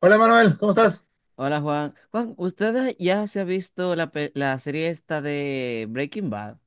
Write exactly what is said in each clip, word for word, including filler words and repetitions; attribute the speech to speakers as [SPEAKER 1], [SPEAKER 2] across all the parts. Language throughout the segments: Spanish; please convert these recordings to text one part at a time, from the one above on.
[SPEAKER 1] Hola Manuel, ¿cómo estás?
[SPEAKER 2] Hola Juan. Juan, ¿usted ya se ha visto la, pe- la serie esta de Breaking Bad?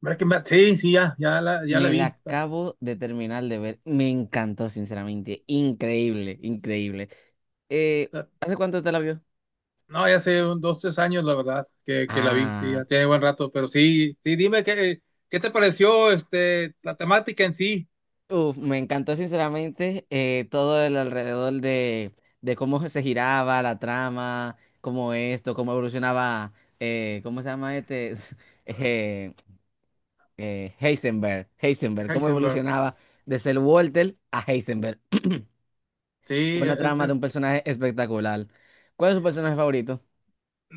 [SPEAKER 1] Breaking Bad, sí, sí, ya, ya la, ya la
[SPEAKER 2] Me la
[SPEAKER 1] vi. La-
[SPEAKER 2] acabo de terminar de ver. Me encantó, sinceramente. Increíble, increíble. Eh,
[SPEAKER 1] la-
[SPEAKER 2] ¿hace cuánto te la vio?
[SPEAKER 1] No, ya hace un- dos, tres años, la verdad, que, que la vi, sí,
[SPEAKER 2] Ah,
[SPEAKER 1] ya tiene buen rato, pero sí, sí, dime qué, qué te pareció este, la temática en sí.
[SPEAKER 2] uf, Me encantó, sinceramente, eh, todo el alrededor de, de cómo se giraba la trama, cómo esto, cómo evolucionaba, eh, ¿cómo se llama este? Eh, eh, Heisenberg, Heisenberg, cómo
[SPEAKER 1] Heisenberg.
[SPEAKER 2] evolucionaba de ser Walter a Heisenberg.
[SPEAKER 1] Sí,
[SPEAKER 2] Una
[SPEAKER 1] es,
[SPEAKER 2] trama de un
[SPEAKER 1] es-
[SPEAKER 2] personaje espectacular. ¿Cuál es su personaje favorito?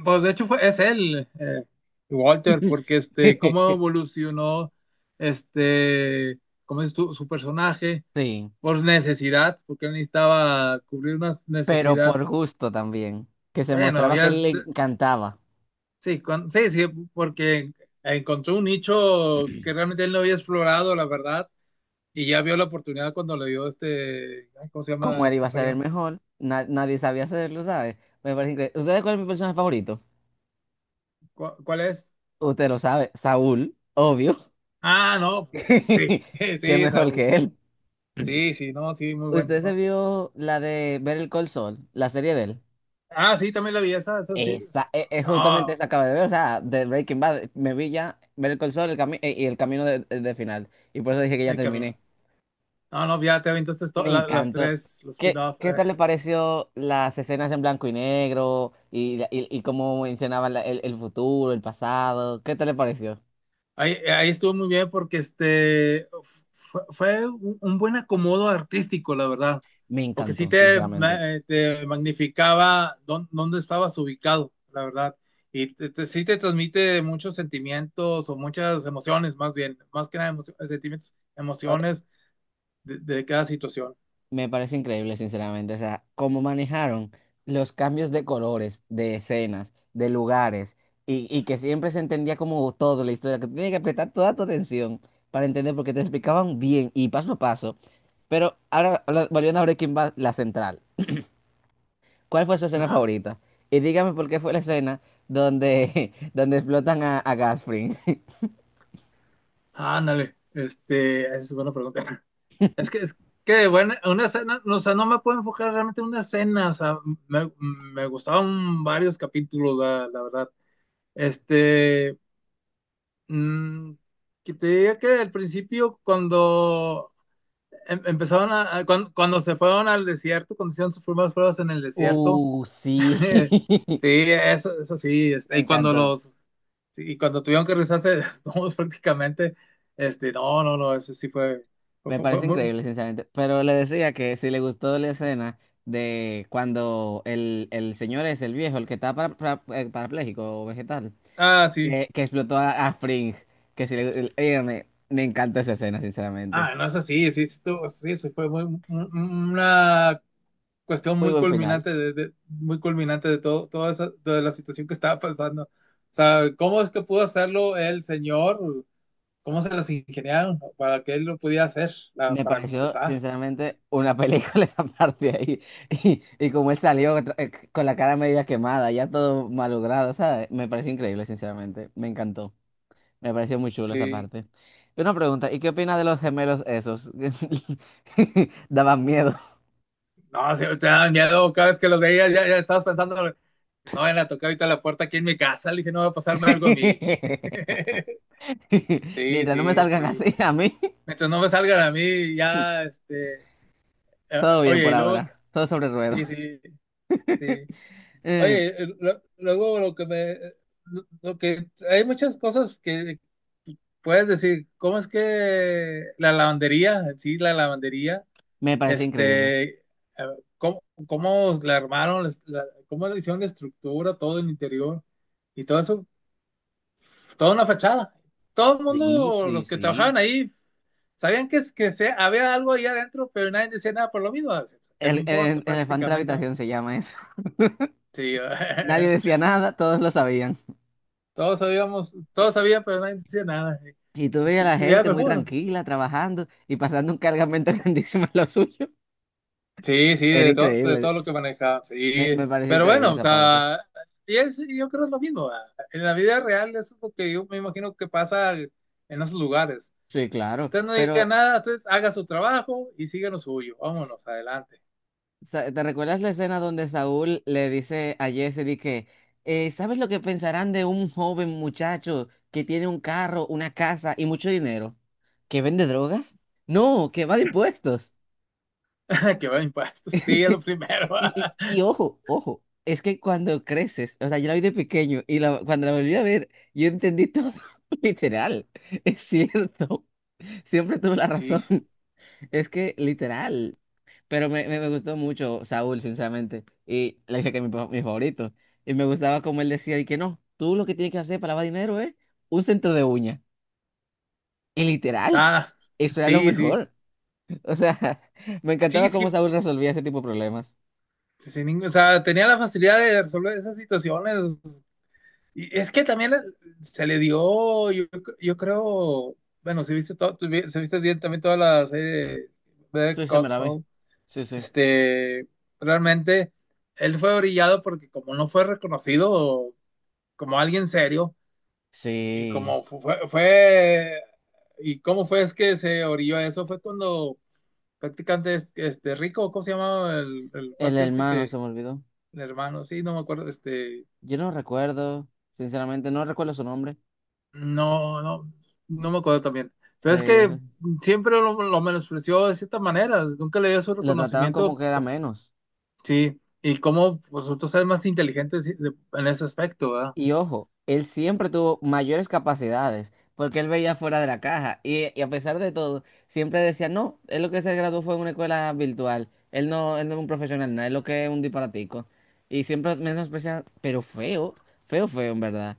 [SPEAKER 1] pues de hecho fue, es él, eh, Walter, porque este, cómo evolucionó este, cómo es tu- su personaje,
[SPEAKER 2] Sí,
[SPEAKER 1] por necesidad, porque él necesitaba cubrir una
[SPEAKER 2] pero
[SPEAKER 1] necesidad.
[SPEAKER 2] por gusto también. Que se
[SPEAKER 1] Bueno,
[SPEAKER 2] mostraba que
[SPEAKER 1] ya.
[SPEAKER 2] él le encantaba.
[SPEAKER 1] Sí, con- sí, sí, porque encontró un nicho que realmente él no había explorado, la verdad, y ya vio la oportunidad cuando le dio este, ay, ¿cómo se
[SPEAKER 2] Como
[SPEAKER 1] llama
[SPEAKER 2] él
[SPEAKER 1] el
[SPEAKER 2] iba a ser el
[SPEAKER 1] compañero?
[SPEAKER 2] mejor, na- nadie sabía hacerlo, ¿sabes? Me parece increíble. ¿Ustedes cuál es mi personaje favorito?
[SPEAKER 1] ¿Cu- ¿Cuál es?
[SPEAKER 2] Usted lo sabe, Saúl, obvio.
[SPEAKER 1] Ah, no, sí,
[SPEAKER 2] ¿Qué
[SPEAKER 1] sí,
[SPEAKER 2] mejor
[SPEAKER 1] Saúl,
[SPEAKER 2] que él?
[SPEAKER 1] sí, sí, no, sí, muy bueno,
[SPEAKER 2] ¿Usted se
[SPEAKER 1] no.
[SPEAKER 2] vio la de Ver el Call Saul, la serie de él?
[SPEAKER 1] Ah, sí, también la vi, esa, esa sí, es-
[SPEAKER 2] Esa, e- es, justamente
[SPEAKER 1] no,
[SPEAKER 2] esa acaba de ver, o sea, de Breaking Bad, me vi ya ver el console el cami- eh, y el camino de, eh, de final, y por eso dije que ya
[SPEAKER 1] el camino.
[SPEAKER 2] terminé.
[SPEAKER 1] No, no, ya te entonces
[SPEAKER 2] Me
[SPEAKER 1] las
[SPEAKER 2] encantó.
[SPEAKER 1] tres, los
[SPEAKER 2] ¿Qué,
[SPEAKER 1] spin-off,
[SPEAKER 2] qué
[SPEAKER 1] eh.
[SPEAKER 2] tal le pareció las escenas en blanco y negro y, la- y, y cómo mencionaban la- el, el futuro, el pasado? ¿Qué tal le pareció?
[SPEAKER 1] Ahí, ahí estuvo muy bien porque este fue, fue un, un buen acomodo artístico, la verdad,
[SPEAKER 2] Me
[SPEAKER 1] porque sí
[SPEAKER 2] encantó,
[SPEAKER 1] te, ma-
[SPEAKER 2] sinceramente.
[SPEAKER 1] eh, te magnificaba dón- dónde estabas ubicado, la verdad, y te- te- sí te transmite muchos sentimientos o muchas emociones, más bien, más que nada emocio- sentimientos, emociones de, de cada situación.
[SPEAKER 2] Me parece increíble, sinceramente. O sea, cómo manejaron los cambios de colores, de escenas, de lugares, y, y que siempre se entendía como todo la historia, que tú tenías que prestar toda tu atención para entender, porque te explicaban bien y paso a paso. Pero ahora, habla- volviendo a Breaking Bad, la central. ¿Cuál fue su escena
[SPEAKER 1] Ajá.
[SPEAKER 2] favorita? Y dígame por qué fue la escena donde, donde explotan a, a Gasfring.
[SPEAKER 1] Ándale, este, esa es buena pregunta. Es que, es que, bueno, una escena, no, o sea, no me puedo enfocar realmente en una escena, o sea, me, me gustaban varios capítulos, la, la verdad. Este, mm, que te diga que al principio, cuando em- empezaron a, a- cuando, cuando se fueron al desierto, cuando hicieron sus primeras pruebas en el desierto,
[SPEAKER 2] Uh, sí.
[SPEAKER 1] sí, eso, eso sí, este,
[SPEAKER 2] Me
[SPEAKER 1] y cuando
[SPEAKER 2] encantó.
[SPEAKER 1] los, sí, y cuando tuvieron que rezarse desnudos prácticamente, este, no, no, no, eso sí fue, fue,
[SPEAKER 2] Me
[SPEAKER 1] fue-
[SPEAKER 2] parece
[SPEAKER 1] fue-
[SPEAKER 2] increíble, sinceramente. Pero le decía que si le gustó la escena de cuando el, el señor es el viejo, el que está para, para- eh, parapléjico o vegetal,
[SPEAKER 1] ah, sí.
[SPEAKER 2] que, que explotó a, a Fring, que si le, el- oye, me, me encanta esa escena, sinceramente.
[SPEAKER 1] Ah, no es así, sí, sí, estuvo- sí, sí fue muy, un- un- una cuestión
[SPEAKER 2] Muy
[SPEAKER 1] muy
[SPEAKER 2] buen final.
[SPEAKER 1] culminante de, de- muy culminante de todo, toda esa, de la situación que estaba pasando. O sea, ¿cómo es que pudo hacerlo el señor? ¿Cómo se las ingeniaron para que él lo pudiera hacer, la-
[SPEAKER 2] Me
[SPEAKER 1] para
[SPEAKER 2] pareció,
[SPEAKER 1] empezar?
[SPEAKER 2] sinceramente, una película esa parte ahí. Y, y como él salió tra- eh, con la cara media quemada, ya todo malogrado, ¿sabes? Me pareció increíble, sinceramente. Me encantó. Me pareció muy chulo esa
[SPEAKER 1] Sí,
[SPEAKER 2] parte. Y una pregunta, ¿y qué opinas de los gemelos esos? Daban miedo.
[SPEAKER 1] no, sí, te da miedo cada vez que los veías, ya, ya estabas pensando, no van a tocar ahorita la puerta aquí en mi casa, le dije, no va a pasarme algo a mí. Sí,
[SPEAKER 2] Mientras no me
[SPEAKER 1] sí,
[SPEAKER 2] salgan
[SPEAKER 1] sí.
[SPEAKER 2] así a mí,
[SPEAKER 1] Mientras no me salgan a mí, ya, este, eh,
[SPEAKER 2] todo bien
[SPEAKER 1] oye,
[SPEAKER 2] por
[SPEAKER 1] y luego, que-
[SPEAKER 2] ahora. Todo sobre ruedas.
[SPEAKER 1] sí, sí, sí.
[SPEAKER 2] Eh,
[SPEAKER 1] Oye, eh, lo- luego lo que me, eh, lo lo que, hay muchas cosas que puedes decir, ¿cómo es que la lavandería, en sí, la lavandería,
[SPEAKER 2] Me pareció increíble.
[SPEAKER 1] este, a ¿cómo, cómo la armaron, les- la- cómo le hicieron la estructura, todo el interior y todo eso? Pues, toda una fachada. Todo el
[SPEAKER 2] Sí,
[SPEAKER 1] mundo,
[SPEAKER 2] sí,
[SPEAKER 1] los que
[SPEAKER 2] sí.
[SPEAKER 1] trabajaban ahí, sabían que, que se, había algo ahí adentro, pero nadie decía nada por lo mismo, ¿qué
[SPEAKER 2] El,
[SPEAKER 1] me
[SPEAKER 2] el,
[SPEAKER 1] importa
[SPEAKER 2] el elefante de la
[SPEAKER 1] prácticamente? ¿No?
[SPEAKER 2] habitación se llama eso.
[SPEAKER 1] Sí,
[SPEAKER 2] Nadie decía nada, todos lo sabían.
[SPEAKER 1] todos sabíamos,
[SPEAKER 2] Y,
[SPEAKER 1] todos sabían, pero nadie decía nada.
[SPEAKER 2] y tú
[SPEAKER 1] Y
[SPEAKER 2] veías
[SPEAKER 1] sí,
[SPEAKER 2] a la
[SPEAKER 1] sí, era
[SPEAKER 2] gente muy
[SPEAKER 1] mejor.
[SPEAKER 2] tranquila, trabajando y pasando un cargamento grandísimo en lo suyo.
[SPEAKER 1] Sí, sí,
[SPEAKER 2] Era
[SPEAKER 1] de todo, de todo
[SPEAKER 2] increíble.
[SPEAKER 1] lo que manejaba,
[SPEAKER 2] Me,
[SPEAKER 1] sí.
[SPEAKER 2] me pareció
[SPEAKER 1] Pero
[SPEAKER 2] increíble
[SPEAKER 1] bueno, o
[SPEAKER 2] esa parte.
[SPEAKER 1] sea, y es, y yo creo es lo mismo, ¿verdad? En la vida real es lo que yo me imagino que pasa en esos lugares.
[SPEAKER 2] Sí, claro,
[SPEAKER 1] Usted no diga
[SPEAKER 2] pero
[SPEAKER 1] nada, entonces haga su trabajo y siga lo suyo. Vámonos, adelante.
[SPEAKER 2] sa- ¿te recuerdas la escena donde Saúl le dice a Jesse de que eh, ¿sabes lo que pensarán de un joven muchacho que tiene un carro, una casa y mucho dinero? ¿Que vende drogas? No, que va de impuestos.
[SPEAKER 1] Que va impuestos, sí, es lo primero.
[SPEAKER 2] Y, y, y ojo, ojo, es que cuando creces, o sea, yo la vi de pequeño y la- cuando la volví a ver, yo entendí todo, literal, es cierto, siempre tuve la
[SPEAKER 1] Sí,
[SPEAKER 2] razón. Es que literal, pero me, me, me gustó mucho Saúl, sinceramente, y le dije que mi, pa- mi favorito, y me gustaba como él decía, y que no, tú lo que tienes que hacer para lavar dinero es un centro de uña, y literal,
[SPEAKER 1] está,
[SPEAKER 2] eso era lo
[SPEAKER 1] sí, sí.
[SPEAKER 2] mejor, o sea, me
[SPEAKER 1] Sí,
[SPEAKER 2] encantaba cómo
[SPEAKER 1] sí,
[SPEAKER 2] Saúl resolvía ese tipo de problemas.
[SPEAKER 1] sin ningún, o sea, tenía la facilidad de resolver esas situaciones. Y es que también le- Se le dio, yo, yo creo, bueno, si viste todo, si viste bien también toda la serie de
[SPEAKER 2] Sí, sí, me la vi,
[SPEAKER 1] Console,
[SPEAKER 2] sí, sí.
[SPEAKER 1] este, realmente él fue brillado porque como no fue reconocido como alguien serio y
[SPEAKER 2] Sí,
[SPEAKER 1] como fu- fue, fue y cómo fue es que se orilló a eso, fue cuando prácticamente es- este Rico, ¿cómo se llamaba el, el
[SPEAKER 2] el
[SPEAKER 1] cuate este
[SPEAKER 2] hermano
[SPEAKER 1] que
[SPEAKER 2] se me olvidó,
[SPEAKER 1] el hermano? Sí, no me acuerdo, este.
[SPEAKER 2] yo no recuerdo, sinceramente, no recuerdo su nombre,
[SPEAKER 1] No, no, no me acuerdo también. Pero es que
[SPEAKER 2] se,
[SPEAKER 1] siempre lo, lo menospreció de cierta manera, nunca le dio su
[SPEAKER 2] lo trataban como
[SPEAKER 1] reconocimiento,
[SPEAKER 2] que era
[SPEAKER 1] pu-.
[SPEAKER 2] menos.
[SPEAKER 1] Sí, y cómo vosotros eres más inteligentes en ese aspecto, ¿verdad?
[SPEAKER 2] Y ojo, él siempre tuvo mayores capacidades porque él veía fuera de la caja y, y a pesar de todo, siempre decía, no, él lo que se graduó fue en una escuela virtual, él no, él no es un profesional, nada, él lo que es un disparatico. Y siempre menospreciaba, pero feo, feo, feo en verdad.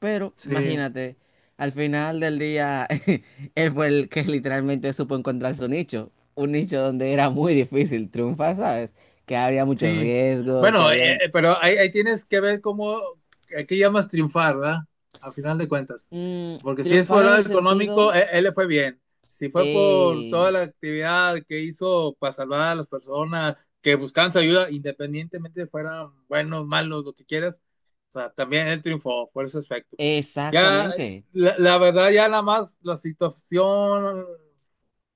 [SPEAKER 2] Pero
[SPEAKER 1] Sí.
[SPEAKER 2] imagínate, al final del día, él fue el que literalmente supo encontrar su nicho, un nicho donde era muy difícil triunfar, ¿sabes? Que había muchos
[SPEAKER 1] Sí,
[SPEAKER 2] riesgos, que
[SPEAKER 1] bueno,
[SPEAKER 2] habían...
[SPEAKER 1] eh, eh, pero ahí, ahí tienes que ver cómo, a qué llamas triunfar, ¿verdad? A final de cuentas.
[SPEAKER 2] mm,
[SPEAKER 1] Porque si es por
[SPEAKER 2] triunfar
[SPEAKER 1] el
[SPEAKER 2] en
[SPEAKER 1] lado
[SPEAKER 2] el
[SPEAKER 1] económico,
[SPEAKER 2] sentido.
[SPEAKER 1] eh, él, le fue bien. Si fue por toda
[SPEAKER 2] Eh,
[SPEAKER 1] la actividad que hizo para salvar a las personas que buscaban su ayuda, independientemente fueran buenos, malos, lo que quieras, o sea, también él triunfó por ese aspecto. Ya,
[SPEAKER 2] exactamente.
[SPEAKER 1] la, la verdad, ya nada más la situación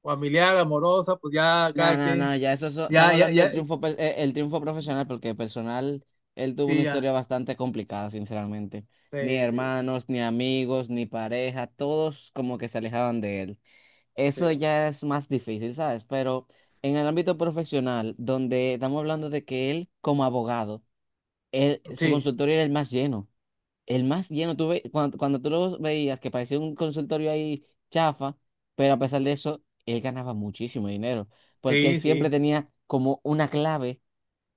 [SPEAKER 1] familiar, amorosa, pues ya
[SPEAKER 2] No,
[SPEAKER 1] cada
[SPEAKER 2] no, no,
[SPEAKER 1] quien,
[SPEAKER 2] ya eso, eso- estamos
[SPEAKER 1] ya, ya,
[SPEAKER 2] hablando del
[SPEAKER 1] ya,
[SPEAKER 2] triunfo, pe- eh, el triunfo profesional, porque personal, él tuvo una
[SPEAKER 1] sí, ya.
[SPEAKER 2] historia bastante complicada, sinceramente. Ni
[SPEAKER 1] Sí, sí,
[SPEAKER 2] hermanos, ni amigos, ni pareja, todos como que se alejaban de él. Eso
[SPEAKER 1] sí,
[SPEAKER 2] ya es más difícil, ¿sabes? Pero en el ámbito profesional, donde estamos hablando de que él, como abogado, él, su
[SPEAKER 1] sí,
[SPEAKER 2] consultorio era el más lleno. El más lleno, tú ve, cuando, cuando tú lo veías que parecía un consultorio ahí chafa, pero a pesar de eso, él ganaba muchísimo dinero, porque él
[SPEAKER 1] sí,
[SPEAKER 2] siempre
[SPEAKER 1] sí,
[SPEAKER 2] tenía como una clave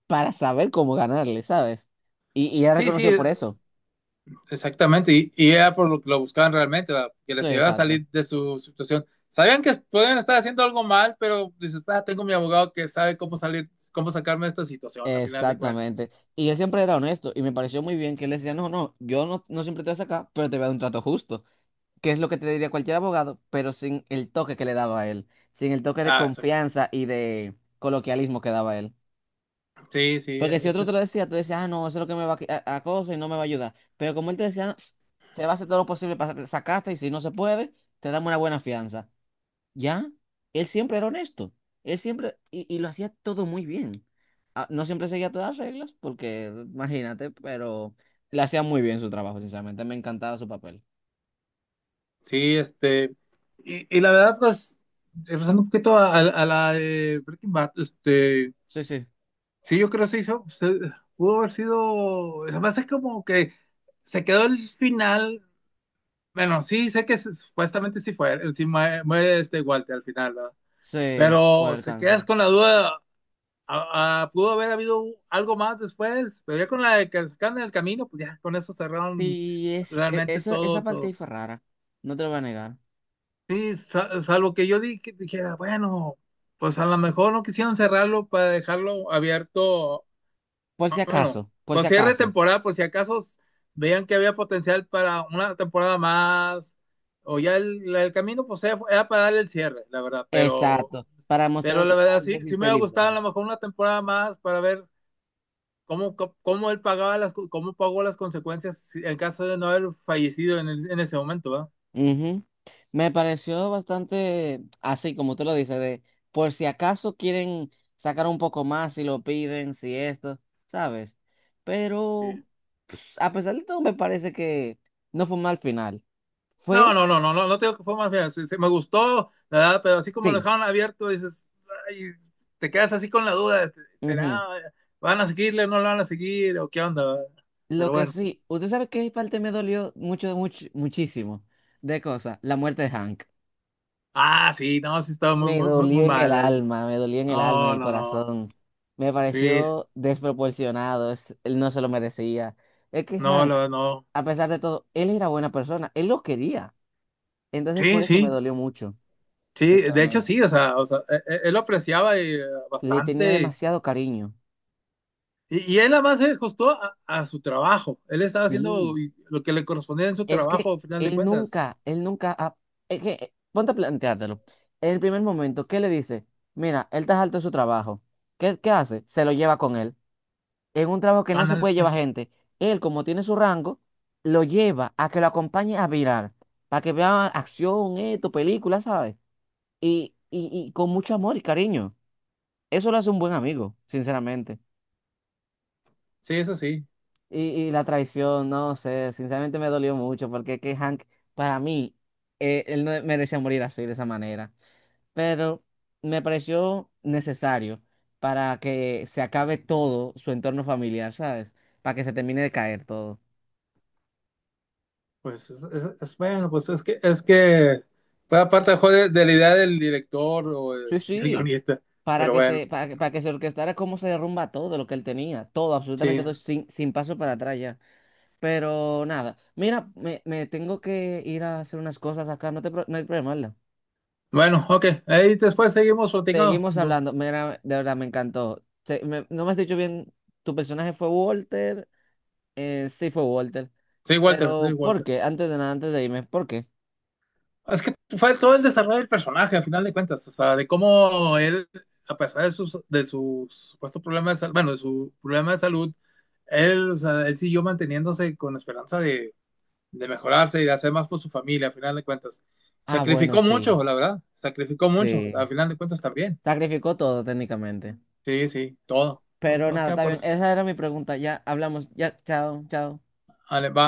[SPEAKER 2] para saber cómo ganarle, ¿sabes? Y, y era
[SPEAKER 1] sí, sí,
[SPEAKER 2] reconocido por eso.
[SPEAKER 1] exactamente. Y, y era por lo que lo buscaban realmente, ¿verdad? Que
[SPEAKER 2] Sí,
[SPEAKER 1] les ayudara a
[SPEAKER 2] exacto.
[SPEAKER 1] salir de su situación. Sabían que pueden estar haciendo algo mal, pero dices, ah, tengo mi abogado que sabe cómo salir, cómo sacarme de esta situación, a final de
[SPEAKER 2] Exactamente.
[SPEAKER 1] cuentas.
[SPEAKER 2] Y él siempre era honesto y me pareció muy bien que él decía, no, no, yo no, no siempre te voy a sacar, pero te voy a dar un trato justo, que es lo que te diría cualquier abogado, pero sin el toque que le daba a él, sin el toque de
[SPEAKER 1] Ah, exacto.
[SPEAKER 2] confianza y de coloquialismo que daba él.
[SPEAKER 1] Sí, sí,
[SPEAKER 2] Porque si
[SPEAKER 1] es,
[SPEAKER 2] otro te
[SPEAKER 1] es-
[SPEAKER 2] lo decía, tú decías, ah, no, eso es lo que me va a, qui- a, a cosa y no me va a ayudar. Pero como él te decía, "No, se va a hacer todo lo posible para sacarte y si no se puede, te damos una buena fianza. ¿Ya? Él siempre era honesto. Él siempre, y, y lo hacía todo muy bien. Ah, no siempre seguía todas las reglas, porque imagínate, pero le hacía muy bien su trabajo, sinceramente. Me encantaba su papel.
[SPEAKER 1] sí, este. Y, y la verdad, pues, regresando un poquito a, a- a la de Breaking Bad, este.
[SPEAKER 2] Sí, sí,
[SPEAKER 1] Sí, yo creo que se hizo, se- pudo haber sido. Además, es como que se quedó el final. Bueno, sí, sé que se- supuestamente sí fue. Sí mue- muere este Walter al final, ¿verdad?
[SPEAKER 2] sí, por
[SPEAKER 1] Pero
[SPEAKER 2] el
[SPEAKER 1] se
[SPEAKER 2] cáncer.
[SPEAKER 1] quedas con la duda. A- a- pudo haber habido algo más después, pero ya con la de que se quedan en el camino, pues ya con eso cerraron
[SPEAKER 2] Sí, es, e-
[SPEAKER 1] realmente
[SPEAKER 2] esa, esa
[SPEAKER 1] todo,
[SPEAKER 2] parte ahí
[SPEAKER 1] todo.
[SPEAKER 2] fue rara. No te lo voy a negar.
[SPEAKER 1] Sí, sa- salvo que yo di- que dijera, bueno, pues a lo mejor no quisieron cerrarlo para dejarlo abierto.
[SPEAKER 2] Por si
[SPEAKER 1] Ah, bueno,
[SPEAKER 2] acaso, por si
[SPEAKER 1] pues cierre de
[SPEAKER 2] acaso.
[SPEAKER 1] temporada, por si acaso veían que había potencial para una temporada más, o ya el, el camino, pues era, era para darle el cierre, la verdad, pero,
[SPEAKER 2] Exacto, para
[SPEAKER 1] pero
[SPEAKER 2] mostrar
[SPEAKER 1] la
[SPEAKER 2] cómo
[SPEAKER 1] verdad sí, sí
[SPEAKER 2] Jesse
[SPEAKER 1] me
[SPEAKER 2] se
[SPEAKER 1] hubiera
[SPEAKER 2] libra.
[SPEAKER 1] gustado a lo mejor una temporada más para ver cómo, co- cómo él pagaba las, co- cómo pagó las consecuencias si- en caso de no haber fallecido en, el- en ese momento, ¿verdad?
[SPEAKER 2] Ujú. Me pareció bastante así, como tú lo dices, de por si acaso quieren sacar un poco más, si lo piden, si esto, ¿sabes? Pero
[SPEAKER 1] Sí.
[SPEAKER 2] pues, a pesar de todo, me parece que no fue mal final.
[SPEAKER 1] No,
[SPEAKER 2] Fue,
[SPEAKER 1] no, no, no, no, no, te digo que fue más bien. Sí, sí, me gustó, ¿verdad? Pero así como lo
[SPEAKER 2] sí.
[SPEAKER 1] dejaron abierto, dices, ay, te quedas así con la duda, este,
[SPEAKER 2] Ujú.
[SPEAKER 1] ¿será? ¿Van a seguirle? ¿No lo van a seguir? ¿O qué onda? ¿Verdad?
[SPEAKER 2] Lo
[SPEAKER 1] Pero
[SPEAKER 2] que
[SPEAKER 1] bueno.
[SPEAKER 2] sí, usted sabe qué parte me dolió mucho, mucho, muchísimo de cosas, la muerte de Hank.
[SPEAKER 1] Ah, sí, no, sí estaba muy,
[SPEAKER 2] Me
[SPEAKER 1] muy, muy, muy
[SPEAKER 2] dolió en el
[SPEAKER 1] mal eso.
[SPEAKER 2] alma, me dolió en el alma, en
[SPEAKER 1] No,
[SPEAKER 2] el
[SPEAKER 1] no, no.
[SPEAKER 2] corazón. Me
[SPEAKER 1] Sí,
[SPEAKER 2] pareció desproporcionado, es- él no se lo merecía. Es que
[SPEAKER 1] no,
[SPEAKER 2] Hank,
[SPEAKER 1] lo- no.
[SPEAKER 2] a pesar de todo, él era buena persona, él lo quería. Entonces por
[SPEAKER 1] Sí,
[SPEAKER 2] eso me
[SPEAKER 1] sí,
[SPEAKER 2] dolió mucho,
[SPEAKER 1] sí. De hecho,
[SPEAKER 2] sinceramente.
[SPEAKER 1] sí, o sea, o sea, e- e- él, lo apreciaba, eh,
[SPEAKER 2] Le tenía
[SPEAKER 1] bastante.
[SPEAKER 2] demasiado cariño.
[SPEAKER 1] Y, y él además se ajustó a, a su trabajo. Él estaba haciendo
[SPEAKER 2] Sí,
[SPEAKER 1] lo que le correspondía en su
[SPEAKER 2] es que
[SPEAKER 1] trabajo, al final de
[SPEAKER 2] él
[SPEAKER 1] cuentas.
[SPEAKER 2] nunca, él nunca, ha- es que, eh, ponte a planteártelo. En el primer momento, ¿qué le dice? Mira, él está alto de su trabajo. ¿Qué, qué hace? Se lo lleva con él en un trabajo que no se
[SPEAKER 1] Ándale.
[SPEAKER 2] puede llevar gente. Él, como tiene su rango, lo lleva a que lo acompañe a virar, para que vea acción, esto, películas, ¿sabes? Y, y, y con mucho amor y cariño. Eso lo hace un buen amigo, sinceramente.
[SPEAKER 1] Sí, eso sí,
[SPEAKER 2] Y, y la traición, no sé, sinceramente me dolió mucho, porque es que Hank, para mí, eh, él no merecía morir así, de esa manera. Pero me pareció necesario para que se acabe todo su entorno familiar, ¿sabes? Para que se termine de caer todo.
[SPEAKER 1] pues es, es- es bueno, pues es que es que fue aparte mejor de, de la idea del director o de-
[SPEAKER 2] Sí,
[SPEAKER 1] del
[SPEAKER 2] sí,
[SPEAKER 1] guionista,
[SPEAKER 2] para
[SPEAKER 1] pero
[SPEAKER 2] que se,
[SPEAKER 1] bueno,
[SPEAKER 2] para que, para que se orquestara cómo se derrumba todo lo que él tenía, todo, absolutamente
[SPEAKER 1] sí.
[SPEAKER 2] todo, sin, sin paso para atrás ya. Pero nada, mira, me, me tengo que ir a hacer unas cosas acá, no te, pro- no hay problema, ¿verdad?
[SPEAKER 1] Bueno, ok, ahí después seguimos platicando.
[SPEAKER 2] Seguimos
[SPEAKER 1] Du-
[SPEAKER 2] hablando, mira, de verdad me encantó. Se- me- no me has dicho bien, tu personaje fue Walter, eh, sí fue Walter,
[SPEAKER 1] Sí, Walter, sí,
[SPEAKER 2] pero ¿por
[SPEAKER 1] Walter.
[SPEAKER 2] qué? Antes de nada, antes de irme, ¿por qué?
[SPEAKER 1] Es que fue todo el desarrollo del personaje, al final de cuentas, o sea, de cómo él, a pesar de sus, de sus supuesto problema de salud, bueno, de su problema de salud, él, o sea, él siguió manteniéndose con esperanza de de mejorarse y de hacer más por su familia, al final de cuentas.
[SPEAKER 2] Ah, bueno,
[SPEAKER 1] Sacrificó
[SPEAKER 2] sí,
[SPEAKER 1] mucho, la verdad, sacrificó mucho,
[SPEAKER 2] sí,
[SPEAKER 1] al final de cuentas también.
[SPEAKER 2] sacrificó todo técnicamente.
[SPEAKER 1] Sí, sí, todo.
[SPEAKER 2] Pero
[SPEAKER 1] Más
[SPEAKER 2] nada,
[SPEAKER 1] que nada
[SPEAKER 2] está
[SPEAKER 1] por
[SPEAKER 2] bien,
[SPEAKER 1] eso.
[SPEAKER 2] esa era mi pregunta, ya hablamos, ya, chao, chao.
[SPEAKER 1] Ale, va.